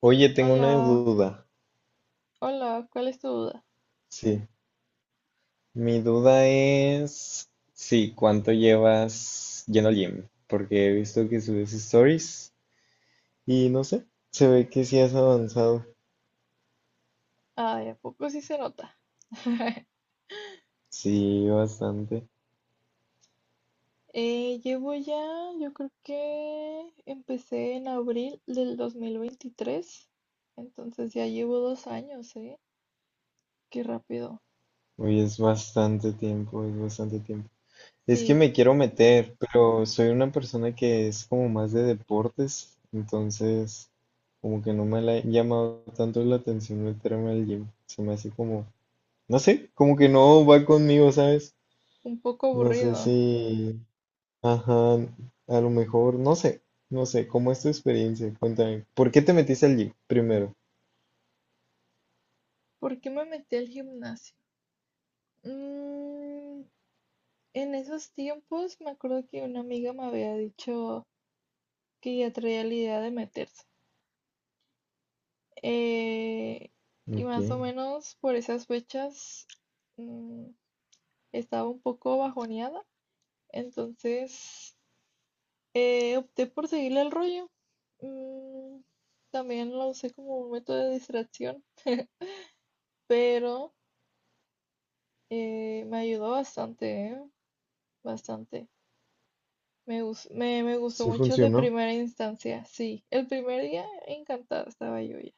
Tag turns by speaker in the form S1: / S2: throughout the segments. S1: Oye, tengo una
S2: Hola,
S1: duda.
S2: hola, ¿cuál es tu duda?
S1: Sí, mi duda es, sí, ¿cuánto llevas lleno al gym? Porque he visto que subes stories y no sé, se ve que sí has avanzado.
S2: Ay, ¿a poco sí se nota?
S1: Sí, bastante.
S2: Llevo ya, yo creo que empecé en abril del 2023, entonces ya llevo 2 años, ¿eh? Qué rápido.
S1: Oye, es bastante tiempo, es bastante tiempo. Es que
S2: Sí,
S1: me quiero meter, pero soy una persona que es como más de deportes, entonces como que no me la ha llamado tanto la atención meterme al gym. Se me hace como, no sé, como que no va conmigo, ¿sabes?
S2: un poco
S1: No sé
S2: aburrido.
S1: si, ajá, a lo mejor, no sé, no sé, ¿cómo es tu experiencia? Cuéntame, ¿por qué te metiste al gym primero?
S2: ¿Por qué me metí al gimnasio? Mm, en esos tiempos me acuerdo que una amiga me había dicho que ya traía la idea de meterse. eh, y
S1: Ok,
S2: más o menos por esas fechas mm, estaba un poco bajoneada, entonces opté por seguirle el rollo. Mm, También lo usé como un método de distracción, pero me ayudó bastante, ¿eh? Bastante. Me gustó
S1: sí
S2: mucho de
S1: funcionó.
S2: primera instancia, sí. El primer día encantada estaba yo ya.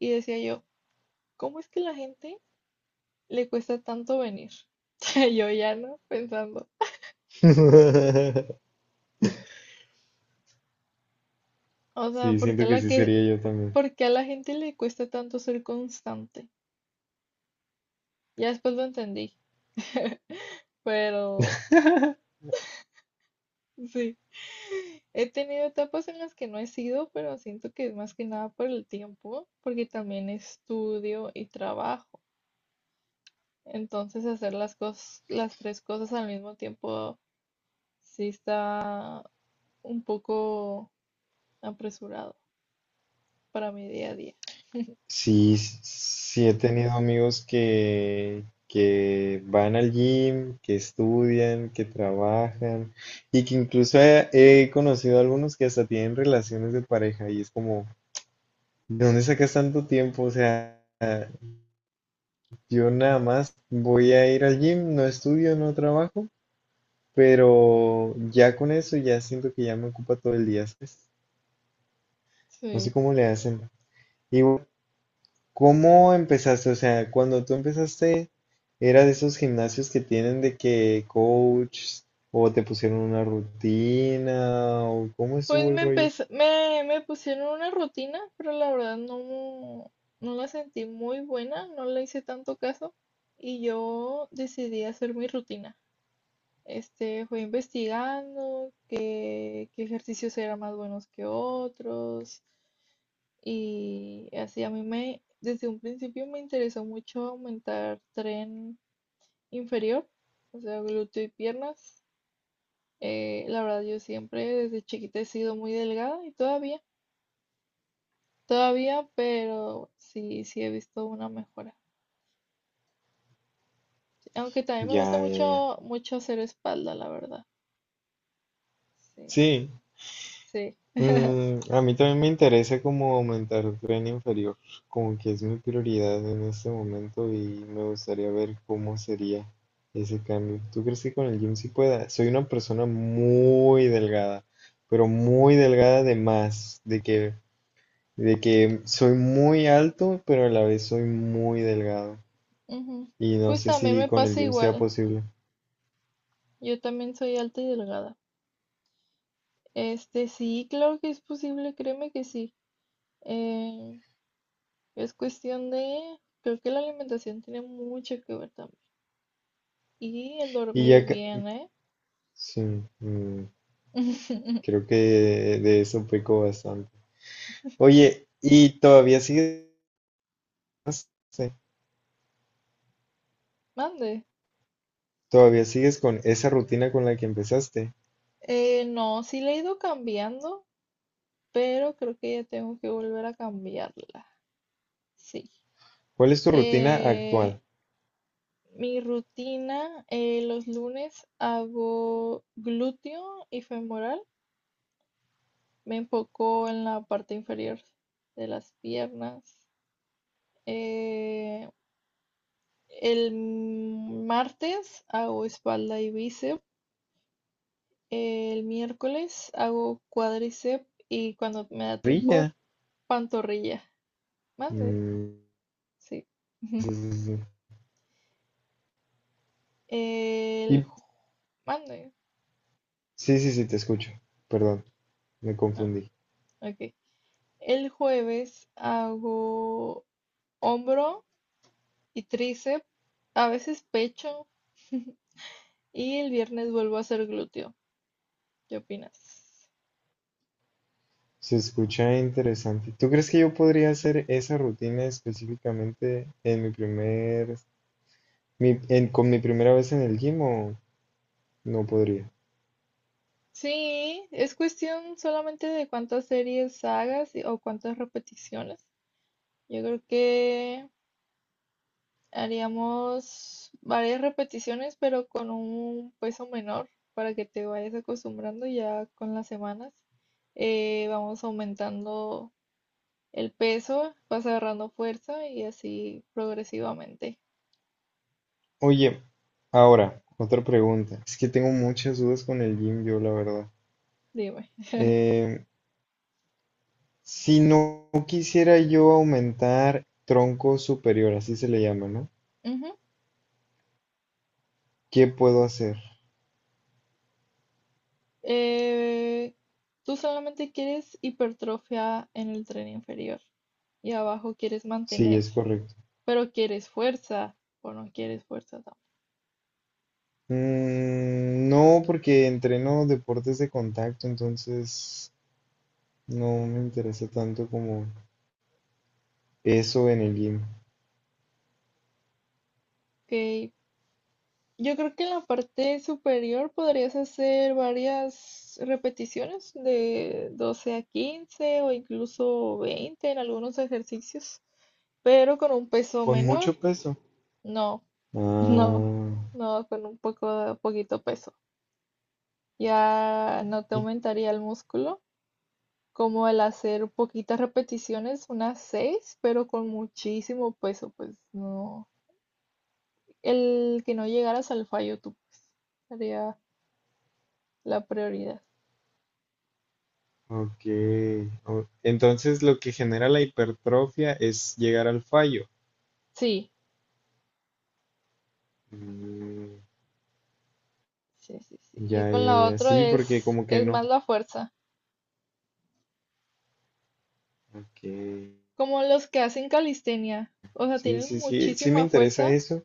S2: Y decía yo, ¿cómo es que la gente le cuesta tanto venir? Yo ya no, pensando. O sea,
S1: Sí, siento que sí sería yo también.
S2: ¿por qué a la gente le cuesta tanto ser constante? Ya después lo entendí, pero sí. He tenido etapas en las que no he sido, pero siento que es más que nada por el tiempo, porque también estudio y trabajo. Entonces hacer las tres cosas al mismo tiempo sí está un poco apresurado para mi día a día.
S1: Sí, sí he tenido amigos que van al gym, que estudian, que trabajan y que incluso he, he conocido algunos que hasta tienen relaciones de pareja y es como, ¿de dónde sacas tanto tiempo? O sea... Yo nada más voy a ir al gym, no estudio, no trabajo, pero ya con eso ya siento que ya me ocupa todo el día, ¿sabes? No sé
S2: Sí.
S1: cómo le hacen. Y bueno, ¿cómo empezaste? O sea, cuando tú empezaste, ¿era de esos gimnasios que tienen de que coach o te pusieron una rutina o cómo estuvo
S2: Pues
S1: el
S2: me
S1: rollo?
S2: empecé, me, me pusieron una rutina, pero la verdad no la sentí muy buena, no le hice tanto caso y yo decidí hacer mi rutina. Fue investigando qué ejercicios eran más buenos que otros, y así a mí desde un principio me interesó mucho aumentar tren inferior, o sea, glúteo y piernas. La verdad yo siempre desde chiquita he sido muy delgada y todavía. Todavía, pero sí, sí he visto una mejora. Aunque también me gusta
S1: Ya, ya, ya.
S2: mucho, mucho hacer espalda, la verdad. Sí,
S1: Sí.
S2: sí.
S1: Mm, a mí también me interesa como aumentar el tren inferior, como que es mi prioridad en este momento y me gustaría ver cómo sería ese cambio. ¿Tú crees que con el gym sí pueda? Soy una persona muy delgada, pero muy delgada de más, de que soy muy alto, pero a la vez soy muy delgado.
S2: Ujú.
S1: Y no
S2: Pues
S1: sé
S2: también
S1: si
S2: me
S1: con el
S2: pasa
S1: gym sea
S2: igual.
S1: posible.
S2: Yo también soy alta y delgada. Sí, claro que es posible, créeme que sí. Eh, es cuestión de, creo que la alimentación tiene mucho que ver también. Y el
S1: Y
S2: dormir
S1: ya que...
S2: bien, ¿eh?
S1: Sí, mm, creo que de eso peco bastante. Oye,
S2: Mande.
S1: ¿todavía sigues con esa rutina con la que empezaste?
S2: No, sí la he ido cambiando, pero creo que ya tengo que volver a cambiarla. Sí.
S1: ¿Cuál es tu rutina
S2: Eh,
S1: actual?
S2: Mi rutina, los lunes hago glúteo y femoral. Me enfoco en la parte inferior de las piernas. Eh, el martes hago espalda y bíceps. El miércoles hago cuádriceps y, cuando me da tiempo,
S1: Parrilla.
S2: pantorrilla. Mande,
S1: Mm,
S2: sí.
S1: sí, sí, sí.
S2: El
S1: Y-
S2: ju- Mande.
S1: sí, sí, sí, te escucho. Perdón, me
S2: Ah,
S1: confundí.
S2: ok. El jueves hago hombro y tríceps, a veces pecho, y el viernes vuelvo a hacer glúteo. ¿Qué opinas?
S1: Se escucha interesante. ¿Tú crees que yo podría hacer esa rutina específicamente en con mi primera vez en el gym o no podría?
S2: Sí, es cuestión solamente de cuántas series hagas o cuántas repeticiones. Yo creo que haríamos varias repeticiones, pero con un peso menor para que te vayas acostumbrando ya con las semanas. Vamos aumentando el peso, vas agarrando fuerza y así progresivamente.
S1: Oye, ahora, otra pregunta. Es que tengo muchas dudas con el gym, yo la verdad.
S2: Dime.
S1: Em, Si no quisiera yo aumentar tronco superior, así se le llama, ¿no?
S2: Ujú.
S1: ¿Qué puedo hacer?
S2: Eh, Tú solamente quieres hipertrofia en el tren inferior y abajo quieres
S1: Sí,
S2: mantener,
S1: es correcto.
S2: pero quieres fuerza o no quieres fuerza tampoco.
S1: Mm, no, porque entreno deportes de contacto, entonces no me interesa tanto como eso en el gym.
S2: Ok. Yo creo que en la parte superior podrías hacer varias repeticiones de 12 a 15 o incluso 20 en algunos ejercicios, pero con un peso
S1: Con
S2: menor.
S1: mucho peso.
S2: No, no,
S1: Ah,
S2: no, con un poco, poquito peso. Ya no te
S1: y-
S2: aumentaría el músculo, como el hacer poquitas repeticiones, unas 6, pero con muchísimo peso, pues no. El que no llegaras al fallo tú, pues, sería la prioridad.
S1: ok. Entonces lo que genera la hipertrofia es llegar al fallo.
S2: Sí,
S1: Mm,
S2: sí, sí, sí. Y
S1: ya,
S2: con
S1: ya,
S2: la
S1: ya.
S2: otra
S1: Sí, porque
S2: es,
S1: como que
S2: es
S1: no.
S2: más la fuerza,
S1: Ok.
S2: como los que hacen calistenia, o sea,
S1: Sí,
S2: tienen
S1: sí, sí, sí me
S2: muchísima
S1: interesa
S2: fuerza
S1: eso.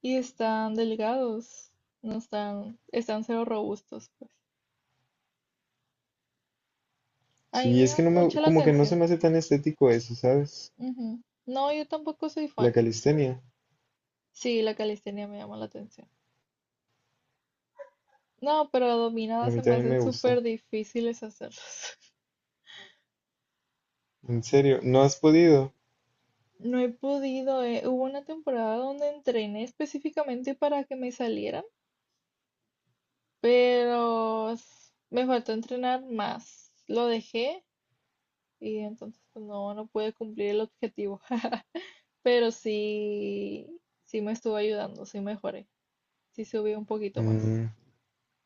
S2: y están delgados, no están, están cero robustos. A mí
S1: Sí,
S2: me
S1: es
S2: llama
S1: que no me,
S2: mucho la
S1: como que no se
S2: atención.
S1: me hace tan estético eso, ¿sabes?
S2: Ujú. No, yo tampoco soy
S1: La
S2: fan.
S1: calistenia,
S2: Sí, la calistenia me llama la atención. No, pero
S1: a
S2: dominadas
S1: mí
S2: se me
S1: también
S2: hacen
S1: me gusta.
S2: súper difíciles hacerlas.
S1: En serio, ¿no has podido?
S2: No he podido, eh. Hubo una temporada donde entrené específicamente para que me salieran, pero me faltó entrenar más. Lo dejé y entonces pues, no pude cumplir el objetivo. Pero sí, sí me estuvo ayudando, sí mejoré, sí subí un poquito más.
S1: Mm,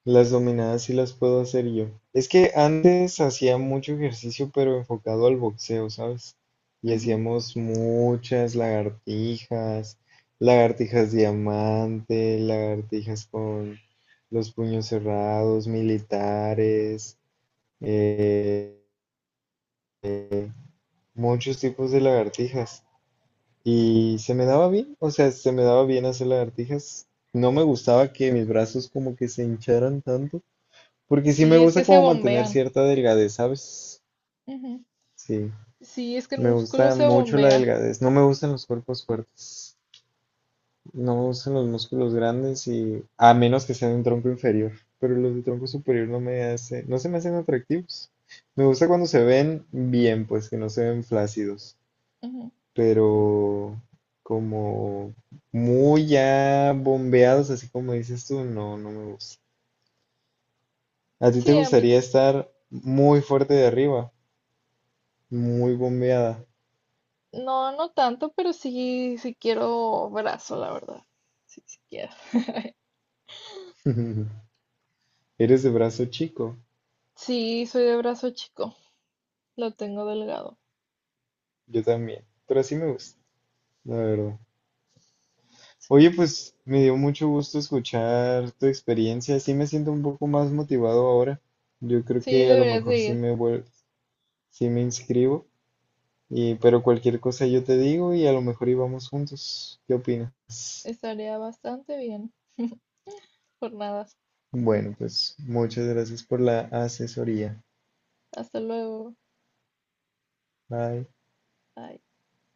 S1: las dominadas sí las puedo hacer yo. Es que antes hacía mucho ejercicio, pero enfocado al boxeo, ¿sabes? Y
S2: Ujú.
S1: hacíamos muchas lagartijas, lagartijas diamante, lagartijas con los puños cerrados, militares, eh, muchos tipos de lagartijas y se me daba bien, o sea, se me daba bien hacer lagartijas. No me gustaba que mis brazos como que se hincharan tanto, porque sí me
S2: Sí, es
S1: gusta
S2: que se
S1: como mantener
S2: bombean.
S1: cierta delgadez, ¿sabes?
S2: Ujú.
S1: Sí,
S2: Sí, es que el
S1: me
S2: músculo
S1: gusta
S2: se
S1: mucho la
S2: bombea.
S1: delgadez. No me gustan los cuerpos fuertes, no me gustan los músculos grandes y a menos que sean de un tronco inferior, pero los de tronco superior no me hace, no se me hacen atractivos. Me gusta cuando se ven bien, pues que no se ven flácidos.
S2: Ujú. Sí, sí, sí.
S1: Pero como muy ya bombeados, así como dices tú, no, no me gusta. ¿A ti te
S2: Sí, a mí
S1: gustaría estar muy fuerte de arriba, muy bombeada?
S2: no, no tanto, pero sí, sí quiero brazo, la verdad. Sí, sí quiero.
S1: Eres de brazo chico,
S2: Sí, soy de brazo chico. Lo tengo delgado.
S1: yo también, pero así me gusta, la verdad. Oye, pues me dio mucho gusto escuchar tu experiencia, sí me siento un poco más motivado ahora. Yo creo
S2: Sí,
S1: que a lo
S2: deberías
S1: mejor
S2: de ir.
S1: sí me inscribo. Y, pero cualquier cosa yo te digo y a lo mejor íbamos juntos. ¿Qué opinas?
S2: Estaría bastante bien. Por nada.
S1: Bueno, pues muchas gracias por la asesoría.
S2: Hasta luego.
S1: Bye.
S2: Bye.